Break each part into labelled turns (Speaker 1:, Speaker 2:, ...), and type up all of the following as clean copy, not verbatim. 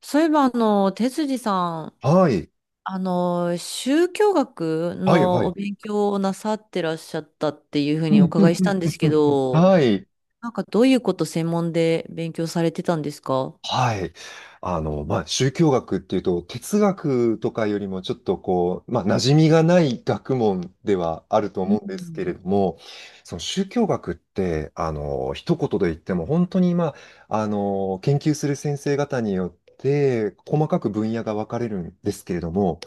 Speaker 1: そういえば、哲司さん、
Speaker 2: はい。
Speaker 1: 宗教学
Speaker 2: はい、は
Speaker 1: のお
Speaker 2: い。
Speaker 1: 勉強をなさってらっしゃったっていうふう
Speaker 2: う
Speaker 1: にお
Speaker 2: んう
Speaker 1: 伺い
Speaker 2: ん
Speaker 1: し
Speaker 2: う
Speaker 1: た
Speaker 2: ん
Speaker 1: んです
Speaker 2: う
Speaker 1: け
Speaker 2: んうん、
Speaker 1: ど、
Speaker 2: はい。
Speaker 1: なんかどういうこと専門で勉強されてたんですか？
Speaker 2: はい。宗教学っていうと、哲学とかよりもちょっとこう、馴染みがない学問ではあると
Speaker 1: う
Speaker 2: 思うんですけれ
Speaker 1: ん。
Speaker 2: ども、その宗教学って、一言で言っても、本当に、研究する先生方によって、細かく分野が分かれるんですけれども、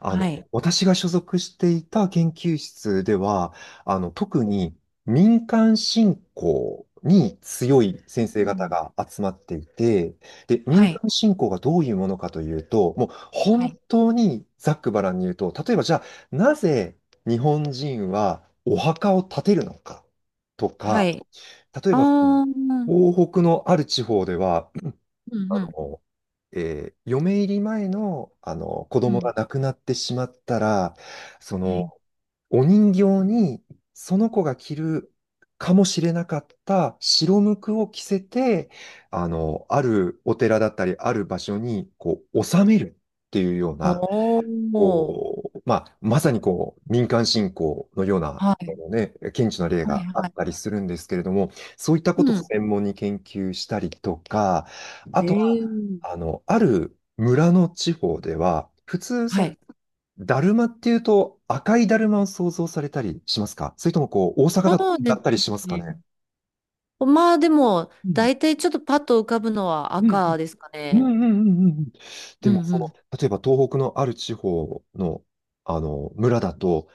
Speaker 1: はい。
Speaker 2: 私が所属していた研究室では、特に民間信仰に強い
Speaker 1: う
Speaker 2: 先生方
Speaker 1: ん
Speaker 2: が集まっていて、で、民
Speaker 1: はい。
Speaker 2: 間信仰がどういうものかというと、もう
Speaker 1: は
Speaker 2: 本
Speaker 1: い。
Speaker 2: 当にざっくばらんに言うと、例えばじゃあ、なぜ日本人はお墓を建てるのかと
Speaker 1: は
Speaker 2: か、
Speaker 1: い。
Speaker 2: 例え
Speaker 1: あ
Speaker 2: ばそ
Speaker 1: あ、
Speaker 2: の
Speaker 1: うん
Speaker 2: 東北のある地方では、
Speaker 1: う
Speaker 2: あ
Speaker 1: ん。
Speaker 2: の、嫁入り前の、あの子
Speaker 1: う
Speaker 2: 供が
Speaker 1: ん。
Speaker 2: 亡くなってしまったら、そ
Speaker 1: はい。
Speaker 2: のお人形にその子が着るかもしれなかった白無垢を着せて、あるお寺だったり、ある場所に、こう、納めるっていうような、
Speaker 1: ほー。
Speaker 2: こう、まあ、まさにこう、民間信仰のような、
Speaker 1: はい。
Speaker 2: ね、顕著な例
Speaker 1: はい。
Speaker 2: があ
Speaker 1: は
Speaker 2: った
Speaker 1: い。
Speaker 2: りするんですけれども、そういったこと
Speaker 1: う
Speaker 2: を
Speaker 1: ん。
Speaker 2: 専門に研究したりとか、あ
Speaker 1: へ
Speaker 2: とは、
Speaker 1: え。
Speaker 2: ある村の地方では、普通、
Speaker 1: はい。
Speaker 2: だるまっていうと赤いだるまを想像されたりしますか、それともこう、大阪だと
Speaker 1: そうで
Speaker 2: だ
Speaker 1: す
Speaker 2: ったりしますか
Speaker 1: ね。
Speaker 2: ね。
Speaker 1: まあでも、
Speaker 2: うん。
Speaker 1: 大体ちょっとパッと浮かぶのは
Speaker 2: うん、
Speaker 1: 赤ですか
Speaker 2: うん、う
Speaker 1: ね。
Speaker 2: ん、うん、うんうん。で
Speaker 1: うん
Speaker 2: も、
Speaker 1: う
Speaker 2: その、
Speaker 1: ん。
Speaker 2: 例えば東北のある地方の、村だと、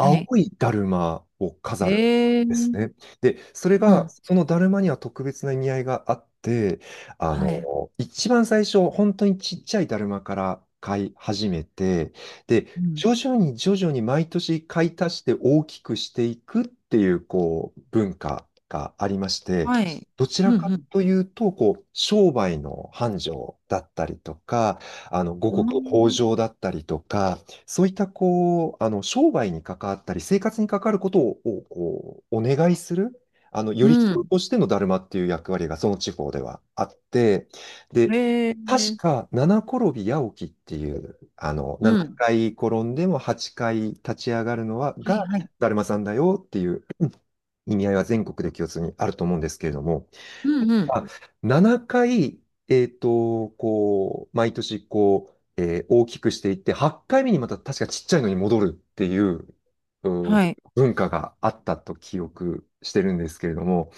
Speaker 1: はい。
Speaker 2: いだるまを飾るん
Speaker 1: ええう
Speaker 2: です
Speaker 1: ん。
Speaker 2: ね。で、それが、そのだるまには特別な意味合いがあって、あの、
Speaker 1: はい。
Speaker 2: 一番最初、本当にちっちゃいだるまから買い始めて、
Speaker 1: う
Speaker 2: で、
Speaker 1: ん。
Speaker 2: 徐々に毎年買い足して大きくしていくっていう、こう、文化がありまして、
Speaker 1: はい。
Speaker 2: どちら
Speaker 1: う
Speaker 2: か
Speaker 1: ん
Speaker 2: というと、こう、商売の繁盛だったりとか、五
Speaker 1: う
Speaker 2: 穀豊
Speaker 1: ん。
Speaker 2: 穣だったりとか、そういったこう、商売に関わったり、生活に関わることを、こう、お願いする、よ
Speaker 1: う
Speaker 2: り人
Speaker 1: ん。
Speaker 2: としてのだるまっていう役割がその地方ではあって、で、
Speaker 1: へ
Speaker 2: 確
Speaker 1: え。
Speaker 2: か七転び八起きっていう、7
Speaker 1: うん。
Speaker 2: 回転んでも8回立ち上がるのは、
Speaker 1: はい
Speaker 2: が、
Speaker 1: はい。
Speaker 2: だるまさんだよっていう意味合いは全国で共通にあると思うんですけれども、
Speaker 1: うんうん。
Speaker 2: あ、7回、こう、毎年、こう、大きくしていって、8回目にまた確かちっちゃいのに戻るっていう、うん、
Speaker 1: はい。
Speaker 2: 文化があったと記憶してるんですけれども、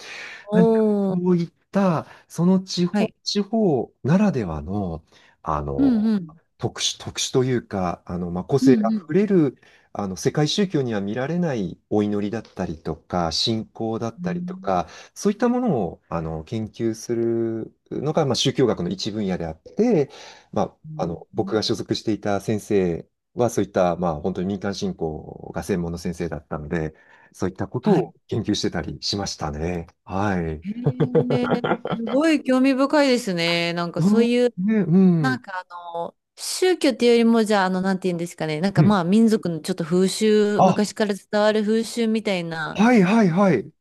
Speaker 2: 何かそ
Speaker 1: おー。
Speaker 2: ういった、その地
Speaker 1: は
Speaker 2: 方、
Speaker 1: い。
Speaker 2: 地方ならではの、あ
Speaker 1: うん
Speaker 2: の、
Speaker 1: うん。
Speaker 2: 特殊というか、個
Speaker 1: う
Speaker 2: 性
Speaker 1: ん
Speaker 2: あ
Speaker 1: うん。
Speaker 2: ふれる、世界宗教には見られないお祈りだったりとか、信仰だっ
Speaker 1: う
Speaker 2: たりと
Speaker 1: ん。
Speaker 2: か、そういったものを、研究するのが、まあ、宗教学の一分野であって、ま
Speaker 1: うん
Speaker 2: 僕が所属していた先生は、そういった、まあ、本当に民間信仰が専門の先生だったので、そういったこと
Speaker 1: は
Speaker 2: を
Speaker 1: い。
Speaker 2: 研究してたりしましたね。はい。
Speaker 1: へえ、すごい興味深いですね。なんか
Speaker 2: う
Speaker 1: そう
Speaker 2: ん、
Speaker 1: いう
Speaker 2: ね、う
Speaker 1: なん
Speaker 2: ん。
Speaker 1: かあの、宗教っていうよりも、じゃあ、なんて言うんですかね。なんか
Speaker 2: うん。
Speaker 1: まあ、民族のちょっと風習、
Speaker 2: あ、
Speaker 1: 昔から伝わる風習みたいな
Speaker 2: はいはいはい。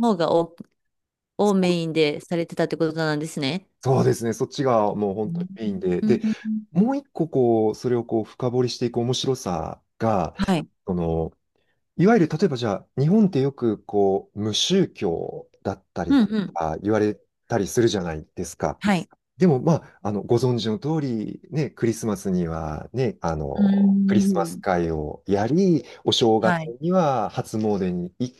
Speaker 1: 方がお、
Speaker 2: そ
Speaker 1: をメ
Speaker 2: う、
Speaker 1: インでされてたってことなんですね。
Speaker 2: そうですね。そっちがもう
Speaker 1: う
Speaker 2: 本当に
Speaker 1: ん
Speaker 2: メインで。
Speaker 1: うん
Speaker 2: で、
Speaker 1: うん
Speaker 2: もう一個こう、それをこう深掘りしていく面白さが、
Speaker 1: はい。
Speaker 2: その、いわゆる例えばじゃあ、日本ってよくこう、無宗教だった
Speaker 1: う
Speaker 2: り
Speaker 1: ん
Speaker 2: と
Speaker 1: うん。
Speaker 2: か言われたりするじゃないですか。
Speaker 1: はい。
Speaker 2: でも、ご存知の通り、ね、クリスマスにはね、
Speaker 1: う
Speaker 2: クリスマス
Speaker 1: ん
Speaker 2: 会をやり、お正月
Speaker 1: はい。
Speaker 2: には初詣に行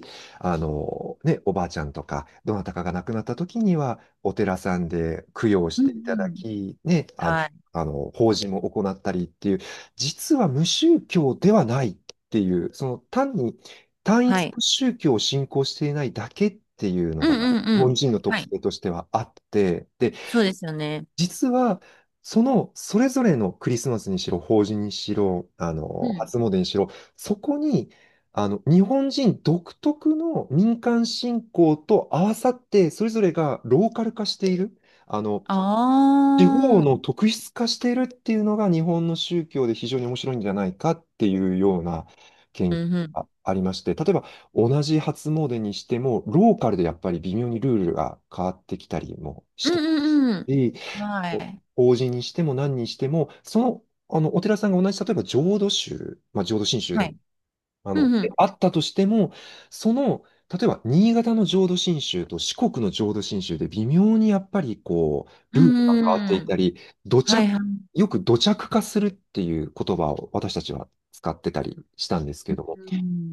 Speaker 2: き、ね、おばあちゃんとか、どなたかが亡くなった時には、お寺さんで供養し
Speaker 1: うん
Speaker 2: ていただ
Speaker 1: うん。
Speaker 2: き、ね、
Speaker 1: はい。
Speaker 2: 法事も行ったりっていう、実は無宗教ではないっていう、その単に単一
Speaker 1: はい。
Speaker 2: の宗教を信仰していないだけっていうの
Speaker 1: うん
Speaker 2: が、
Speaker 1: うん
Speaker 2: 日
Speaker 1: う
Speaker 2: 本
Speaker 1: ん。
Speaker 2: 人の
Speaker 1: は
Speaker 2: 特
Speaker 1: い。
Speaker 2: 性としてはあって、で、
Speaker 1: そうですよね。
Speaker 2: 実は、その、それぞれのクリスマスにしろ、法事にしろ、
Speaker 1: うん。
Speaker 2: 初詣にしろ、そこに、日本人独特の民間信仰と合わさって、それぞれがローカル化している、あの、
Speaker 1: あ
Speaker 2: 地方
Speaker 1: あ。
Speaker 2: の特質化しているっていうのが日本の宗教で非常に面白いんじゃないかっていうような
Speaker 1: う
Speaker 2: 研究
Speaker 1: んうん。
Speaker 2: がありまして、例えば同じ初詣にしても、ローカルでやっぱり微妙にルールが変わってきたりもし
Speaker 1: う
Speaker 2: て、
Speaker 1: んうんうん。はい。
Speaker 2: 法事にしても何にしても、その、お寺さんが同じ、例えば浄土宗、まあ、浄土真宗
Speaker 1: は
Speaker 2: でも、
Speaker 1: い。うんうん。
Speaker 2: あったとしても、その、例えば、新潟の浄土真宗と四国の浄土真宗で微妙にやっぱりこう、ルールが変わって
Speaker 1: う
Speaker 2: い
Speaker 1: ん。
Speaker 2: たり、土
Speaker 1: はい
Speaker 2: 着、
Speaker 1: はい
Speaker 2: よく土着化するっていう言葉を私たちは使ってたりしたんですけど、
Speaker 1: う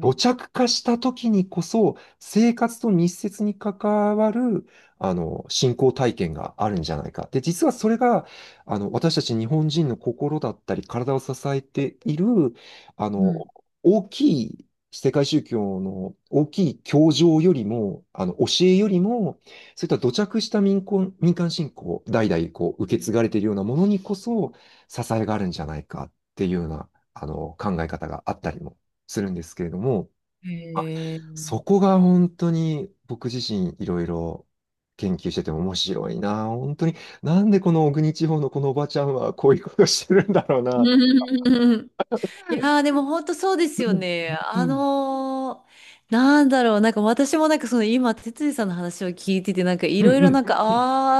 Speaker 2: 土着化した時にこそ、生活と密接に関わる、信仰体験があるんじゃないか。で、実はそれが、私たち日本人の心だったり、体を支えている、あ
Speaker 1: う
Speaker 2: の、
Speaker 1: ん
Speaker 2: 大きい世界宗教の大きい教条よりも、教えよりも、そういった土着した民間信仰、代々こう、受け継がれているようなものにこそ、支えがあるんじゃないかっていうような、考え方があったりもするんですけれども、
Speaker 1: へ
Speaker 2: あ、
Speaker 1: え。
Speaker 2: そこが本当に僕自身いろいろ研究してても面白いな。本当に、なんでこの小国地方のこのおばちゃんはこういうことしてるんだろうな。
Speaker 1: うん いやーでも本当そうです
Speaker 2: う
Speaker 1: よ
Speaker 2: ん
Speaker 1: ね。
Speaker 2: うん
Speaker 1: なんか私もなんかその今、哲司さんの話を聞いてて、なんかい
Speaker 2: うん
Speaker 1: ろい
Speaker 2: う
Speaker 1: ろな
Speaker 2: ん
Speaker 1: んか、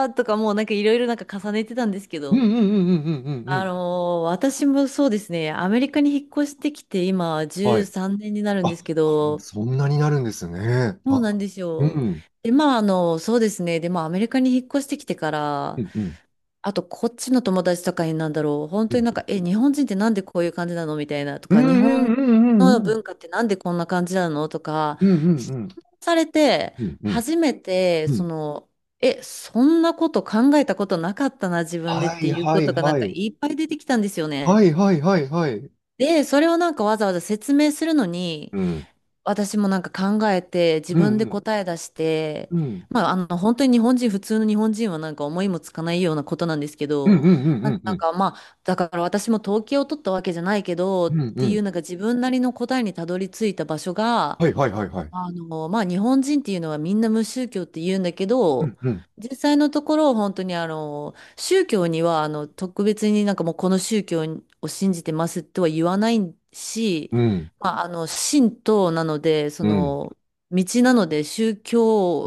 Speaker 1: あーとかもうなんかいろいろなんか重ねてたんですけ
Speaker 2: うん
Speaker 1: ど、
Speaker 2: うんうんうんうんうん。
Speaker 1: 私もそうですね、アメリカに引っ越してきて今
Speaker 2: はい。
Speaker 1: 13年になるんで
Speaker 2: あ、
Speaker 1: すけど、
Speaker 2: そんなになるんですね。
Speaker 1: そ
Speaker 2: あ、
Speaker 1: うなんです
Speaker 2: う
Speaker 1: よ。
Speaker 2: ん。
Speaker 1: で、まああの、そうですね、で、まあアメリカに引っ越してきてか
Speaker 2: う
Speaker 1: ら、
Speaker 2: んうん
Speaker 1: あと、こっちの友達とかになんだろう。本
Speaker 2: う
Speaker 1: 当に
Speaker 2: ん
Speaker 1: なんか、え、日本人ってなんでこういう感じなのみたいなと
Speaker 2: う
Speaker 1: か、
Speaker 2: ん
Speaker 1: 日本
Speaker 2: うんう
Speaker 1: の
Speaker 2: ん
Speaker 1: 文化ってなんでこんな感じなのとか、
Speaker 2: うんうんう
Speaker 1: 質
Speaker 2: ん
Speaker 1: 問されて、
Speaker 2: うんうん
Speaker 1: 初めて、
Speaker 2: う
Speaker 1: そ
Speaker 2: ん、
Speaker 1: の、え、そんなこと考えたことなかったな、自分でっ
Speaker 2: は
Speaker 1: て
Speaker 2: い
Speaker 1: いう
Speaker 2: は
Speaker 1: こ
Speaker 2: い
Speaker 1: とがな
Speaker 2: は
Speaker 1: んか
Speaker 2: い
Speaker 1: いっぱい出てきたんですよ
Speaker 2: は
Speaker 1: ね。
Speaker 2: いはいはい、はい、
Speaker 1: で、それをなんかわざわざ説明するのに、
Speaker 2: うん
Speaker 1: 私もなんか考えて、自
Speaker 2: うんう
Speaker 1: 分で
Speaker 2: ん
Speaker 1: 答え出して、
Speaker 2: うん
Speaker 1: まあ、本当に日本人、普通の日本人はなんか思いもつかないようなことなんですけ
Speaker 2: うん
Speaker 1: ど、
Speaker 2: うんうんう
Speaker 1: なん
Speaker 2: ん
Speaker 1: な
Speaker 2: う
Speaker 1: ん
Speaker 2: ん
Speaker 1: かまあ、だから私も統計を取ったわけじゃないけど、っ
Speaker 2: うんう
Speaker 1: てい
Speaker 2: ん。
Speaker 1: うなんか自分なりの答えにたどり着いた場所が、
Speaker 2: はいはいはいはい。
Speaker 1: まあ、日本人っていうのはみんな無宗教って言うんだけ
Speaker 2: う
Speaker 1: ど、
Speaker 2: んうん。
Speaker 1: 実際のところ本当に宗教には特別になんかもうこの宗教を信じてますとは言わないし、
Speaker 2: うん。
Speaker 1: まあ、神道なので、そ
Speaker 2: うん。
Speaker 1: の、道なので宗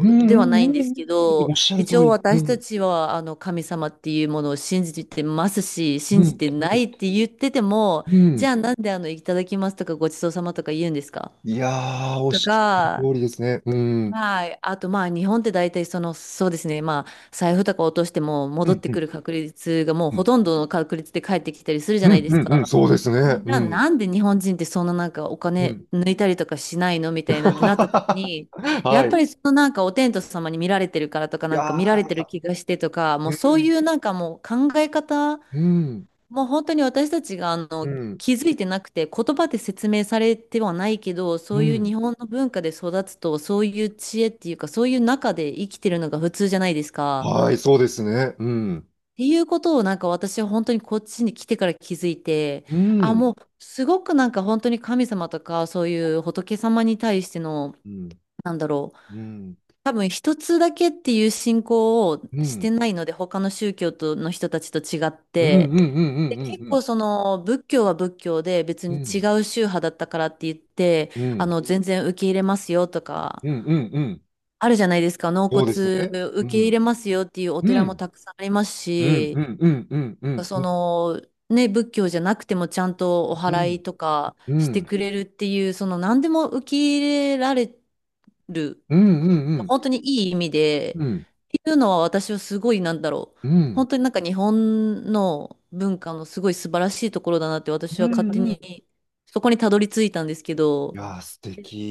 Speaker 2: うんう
Speaker 1: で
Speaker 2: んう
Speaker 1: はな
Speaker 2: ん
Speaker 1: いん
Speaker 2: うん
Speaker 1: で
Speaker 2: う
Speaker 1: す
Speaker 2: ん
Speaker 1: け
Speaker 2: うん、うん、お
Speaker 1: ど、
Speaker 2: っしゃると
Speaker 1: 一
Speaker 2: お
Speaker 1: 応
Speaker 2: り。う
Speaker 1: 私た
Speaker 2: ん。
Speaker 1: ちは神様っていうものを信じてますし、
Speaker 2: う
Speaker 1: 信じ
Speaker 2: ん。
Speaker 1: てないって言ってても、
Speaker 2: う
Speaker 1: じゃ
Speaker 2: ん。
Speaker 1: あなんでいただきますとかごちそうさまとか言うんですか？
Speaker 2: いやー、おっ
Speaker 1: と
Speaker 2: しゃると
Speaker 1: か、
Speaker 2: おりですね。うん。
Speaker 1: はい。あと、まあ、日本って大体、その、そうですね。まあ、財布とか落としても、
Speaker 2: う
Speaker 1: 戻っ
Speaker 2: ん。
Speaker 1: て
Speaker 2: う
Speaker 1: く
Speaker 2: ん。
Speaker 1: る確率がもう
Speaker 2: う
Speaker 1: ほ
Speaker 2: ん。
Speaker 1: とんどの確率で返ってきたりするじ
Speaker 2: う
Speaker 1: ゃない
Speaker 2: ん。
Speaker 1: です
Speaker 2: うん、
Speaker 1: か。
Speaker 2: そうですね。
Speaker 1: じゃ
Speaker 2: う
Speaker 1: あ、
Speaker 2: ん。
Speaker 1: なんで日本人ってそんななんかお
Speaker 2: う
Speaker 1: 金
Speaker 2: ん。
Speaker 1: 抜いたりとかしないのみたいなってなった時に、や
Speaker 2: は
Speaker 1: っぱ
Speaker 2: い。
Speaker 1: りそのなんかお天道様に見られてるからとか、
Speaker 2: い
Speaker 1: な
Speaker 2: や
Speaker 1: んか見られてる
Speaker 2: ー。
Speaker 1: 気がしてとか、も
Speaker 2: う
Speaker 1: うそうい
Speaker 2: ん。
Speaker 1: うなんかもう考え方
Speaker 2: うん。
Speaker 1: もう本当に私たちが
Speaker 2: うん。
Speaker 1: 気づいてなくて言葉で説明されてはないけどそ
Speaker 2: う
Speaker 1: ういう
Speaker 2: ん、
Speaker 1: 日本の文化で育つとそういう知恵っていうかそういう中で生きてるのが普通じゃないですか。
Speaker 2: はい、そうですね。
Speaker 1: っていうことをなんか私は本当にこっちに来てから気づいて、あ、もうすごくなんか本当に神様とかそういう仏様に対してのなんだろう、多分一つだけっていう信仰を
Speaker 2: う
Speaker 1: して
Speaker 2: ん。
Speaker 1: ないので他の宗教との人たちと違っ
Speaker 2: うん。う
Speaker 1: て。
Speaker 2: ん。う
Speaker 1: で、
Speaker 2: ん。う
Speaker 1: 結構
Speaker 2: ん。
Speaker 1: その仏教は仏教で別
Speaker 2: う
Speaker 1: に
Speaker 2: ん。
Speaker 1: 違う宗派だったからって言って、
Speaker 2: うん。うん。うん。
Speaker 1: 全然受け入れますよとか、
Speaker 2: うん。うん。うん。
Speaker 1: あるじゃないですか、納
Speaker 2: そうです
Speaker 1: 骨
Speaker 2: ね。
Speaker 1: 受
Speaker 2: う
Speaker 1: け入
Speaker 2: ん。
Speaker 1: れますよっていうお
Speaker 2: う
Speaker 1: 寺も
Speaker 2: ん。
Speaker 1: たくさんあります
Speaker 2: うん。う
Speaker 1: し、
Speaker 2: ん。うん。うん。う
Speaker 1: そ
Speaker 2: ん。
Speaker 1: の、ね、仏教じゃなくてもちゃんとお
Speaker 2: う
Speaker 1: 祓
Speaker 2: ん。
Speaker 1: いとか
Speaker 2: う
Speaker 1: してく
Speaker 2: ん。
Speaker 1: れるっていう、その何でも受け入れられる、
Speaker 2: うん。うん。
Speaker 1: 本当にいい意味で、
Speaker 2: うん。うん。
Speaker 1: っていうのは私はすごい、なんだろう、
Speaker 2: うん。
Speaker 1: 本当になんか日本の文化のすごい素晴らしいところだなって私
Speaker 2: う
Speaker 1: は勝
Speaker 2: ん。
Speaker 1: 手
Speaker 2: うん。
Speaker 1: にそこにたどり着いたんですけ
Speaker 2: い
Speaker 1: ど、
Speaker 2: やー、素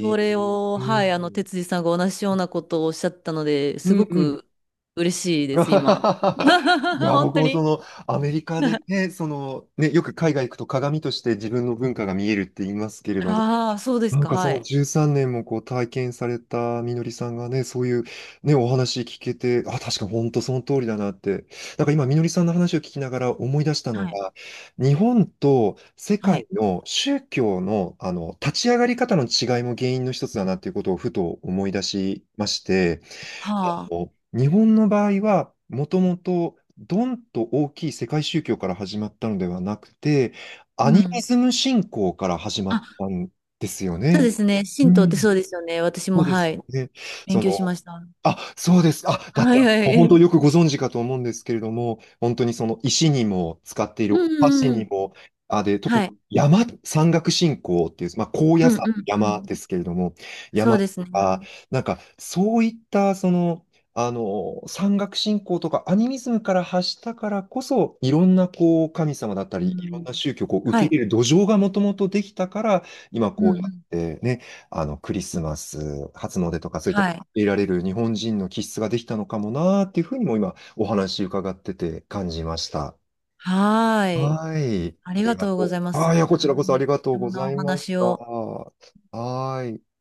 Speaker 1: それを、
Speaker 2: う
Speaker 1: はい、
Speaker 2: ん。
Speaker 1: 哲司さんが同じようなことをおっしゃったので、
Speaker 2: う
Speaker 1: す
Speaker 2: ん。
Speaker 1: ご
Speaker 2: うん。
Speaker 1: く嬉しいです、今。
Speaker 2: いや、
Speaker 1: 本
Speaker 2: 僕
Speaker 1: 当
Speaker 2: もそ
Speaker 1: に。
Speaker 2: の、アメリカで ね、その、ね、よく海外行くと鏡として自分の文化が見えるって言いますけれども、
Speaker 1: ああ、そうです
Speaker 2: なん
Speaker 1: か、
Speaker 2: かそ
Speaker 1: は
Speaker 2: の
Speaker 1: い。
Speaker 2: 13年もこう体験されたみのりさんがね、そういうね、お話聞けて、あ、確かに本当その通りだなって。なんか今みのりさんの話を聞きながら思い出したの
Speaker 1: はい。
Speaker 2: が、日本と世
Speaker 1: は
Speaker 2: 界
Speaker 1: い。
Speaker 2: の宗教のあの立ち上がり方の違いも原因の一つだなっていうことをふと思い出しまして、
Speaker 1: は
Speaker 2: あ
Speaker 1: あ。
Speaker 2: の日本の場合はもともとドンと大きい世界宗教から始まったのではなくて、ア
Speaker 1: う
Speaker 2: ニミ
Speaker 1: ん。
Speaker 2: ズム信仰から始ま
Speaker 1: あ、
Speaker 2: ったんですよ
Speaker 1: そう
Speaker 2: ね。
Speaker 1: ですね。
Speaker 2: う
Speaker 1: 神道って
Speaker 2: ん、
Speaker 1: そうですよね。私
Speaker 2: そ
Speaker 1: も、
Speaker 2: うで
Speaker 1: は
Speaker 2: す
Speaker 1: い。
Speaker 2: よね。
Speaker 1: 勉
Speaker 2: そ
Speaker 1: 強しま
Speaker 2: の、
Speaker 1: した。
Speaker 2: あ、そうです。あ、だっ
Speaker 1: は
Speaker 2: た
Speaker 1: い
Speaker 2: ら、
Speaker 1: は
Speaker 2: もう本当
Speaker 1: い。
Speaker 2: よくご存知かと思うんですけれども、本当にその石にも使っている
Speaker 1: う
Speaker 2: お箸
Speaker 1: んう
Speaker 2: に
Speaker 1: ん。
Speaker 2: も、あ、で、特に
Speaker 1: はい。
Speaker 2: 山岳信仰っていう、まあ、高
Speaker 1: う
Speaker 2: 野
Speaker 1: んう
Speaker 2: 山、
Speaker 1: んう
Speaker 2: 山
Speaker 1: ん。
Speaker 2: ですけれども、
Speaker 1: そ
Speaker 2: 山
Speaker 1: う
Speaker 2: と
Speaker 1: ですね。
Speaker 2: か、なんか、そういった、その、山岳信仰とかアニミズムから発したからこそ、いろんな、こう、神様だった
Speaker 1: う
Speaker 2: り、いろん
Speaker 1: ん。
Speaker 2: な宗教をこう受
Speaker 1: は
Speaker 2: け入
Speaker 1: い。
Speaker 2: れる土壌がもともとできたから、今
Speaker 1: うんう
Speaker 2: こうやっ
Speaker 1: ん。
Speaker 2: てね、クリスマス、初詣とかそういった
Speaker 1: はい。
Speaker 2: 得られる日本人の気質ができたのかもなーっていうふうにも今お話伺ってて感じました。
Speaker 1: はーい。
Speaker 2: はい。
Speaker 1: あ
Speaker 2: あ
Speaker 1: り
Speaker 2: り
Speaker 1: が
Speaker 2: が
Speaker 1: とうご
Speaker 2: と
Speaker 1: ざ
Speaker 2: う。
Speaker 1: いま
Speaker 2: ああ、
Speaker 1: す。
Speaker 2: いや、こちらこそ
Speaker 1: は
Speaker 2: あ
Speaker 1: い、
Speaker 2: りがと
Speaker 1: 貴
Speaker 2: う
Speaker 1: 重
Speaker 2: ご
Speaker 1: な
Speaker 2: ざ
Speaker 1: お
Speaker 2: いまし
Speaker 1: 話
Speaker 2: た。
Speaker 1: を。
Speaker 2: はーい。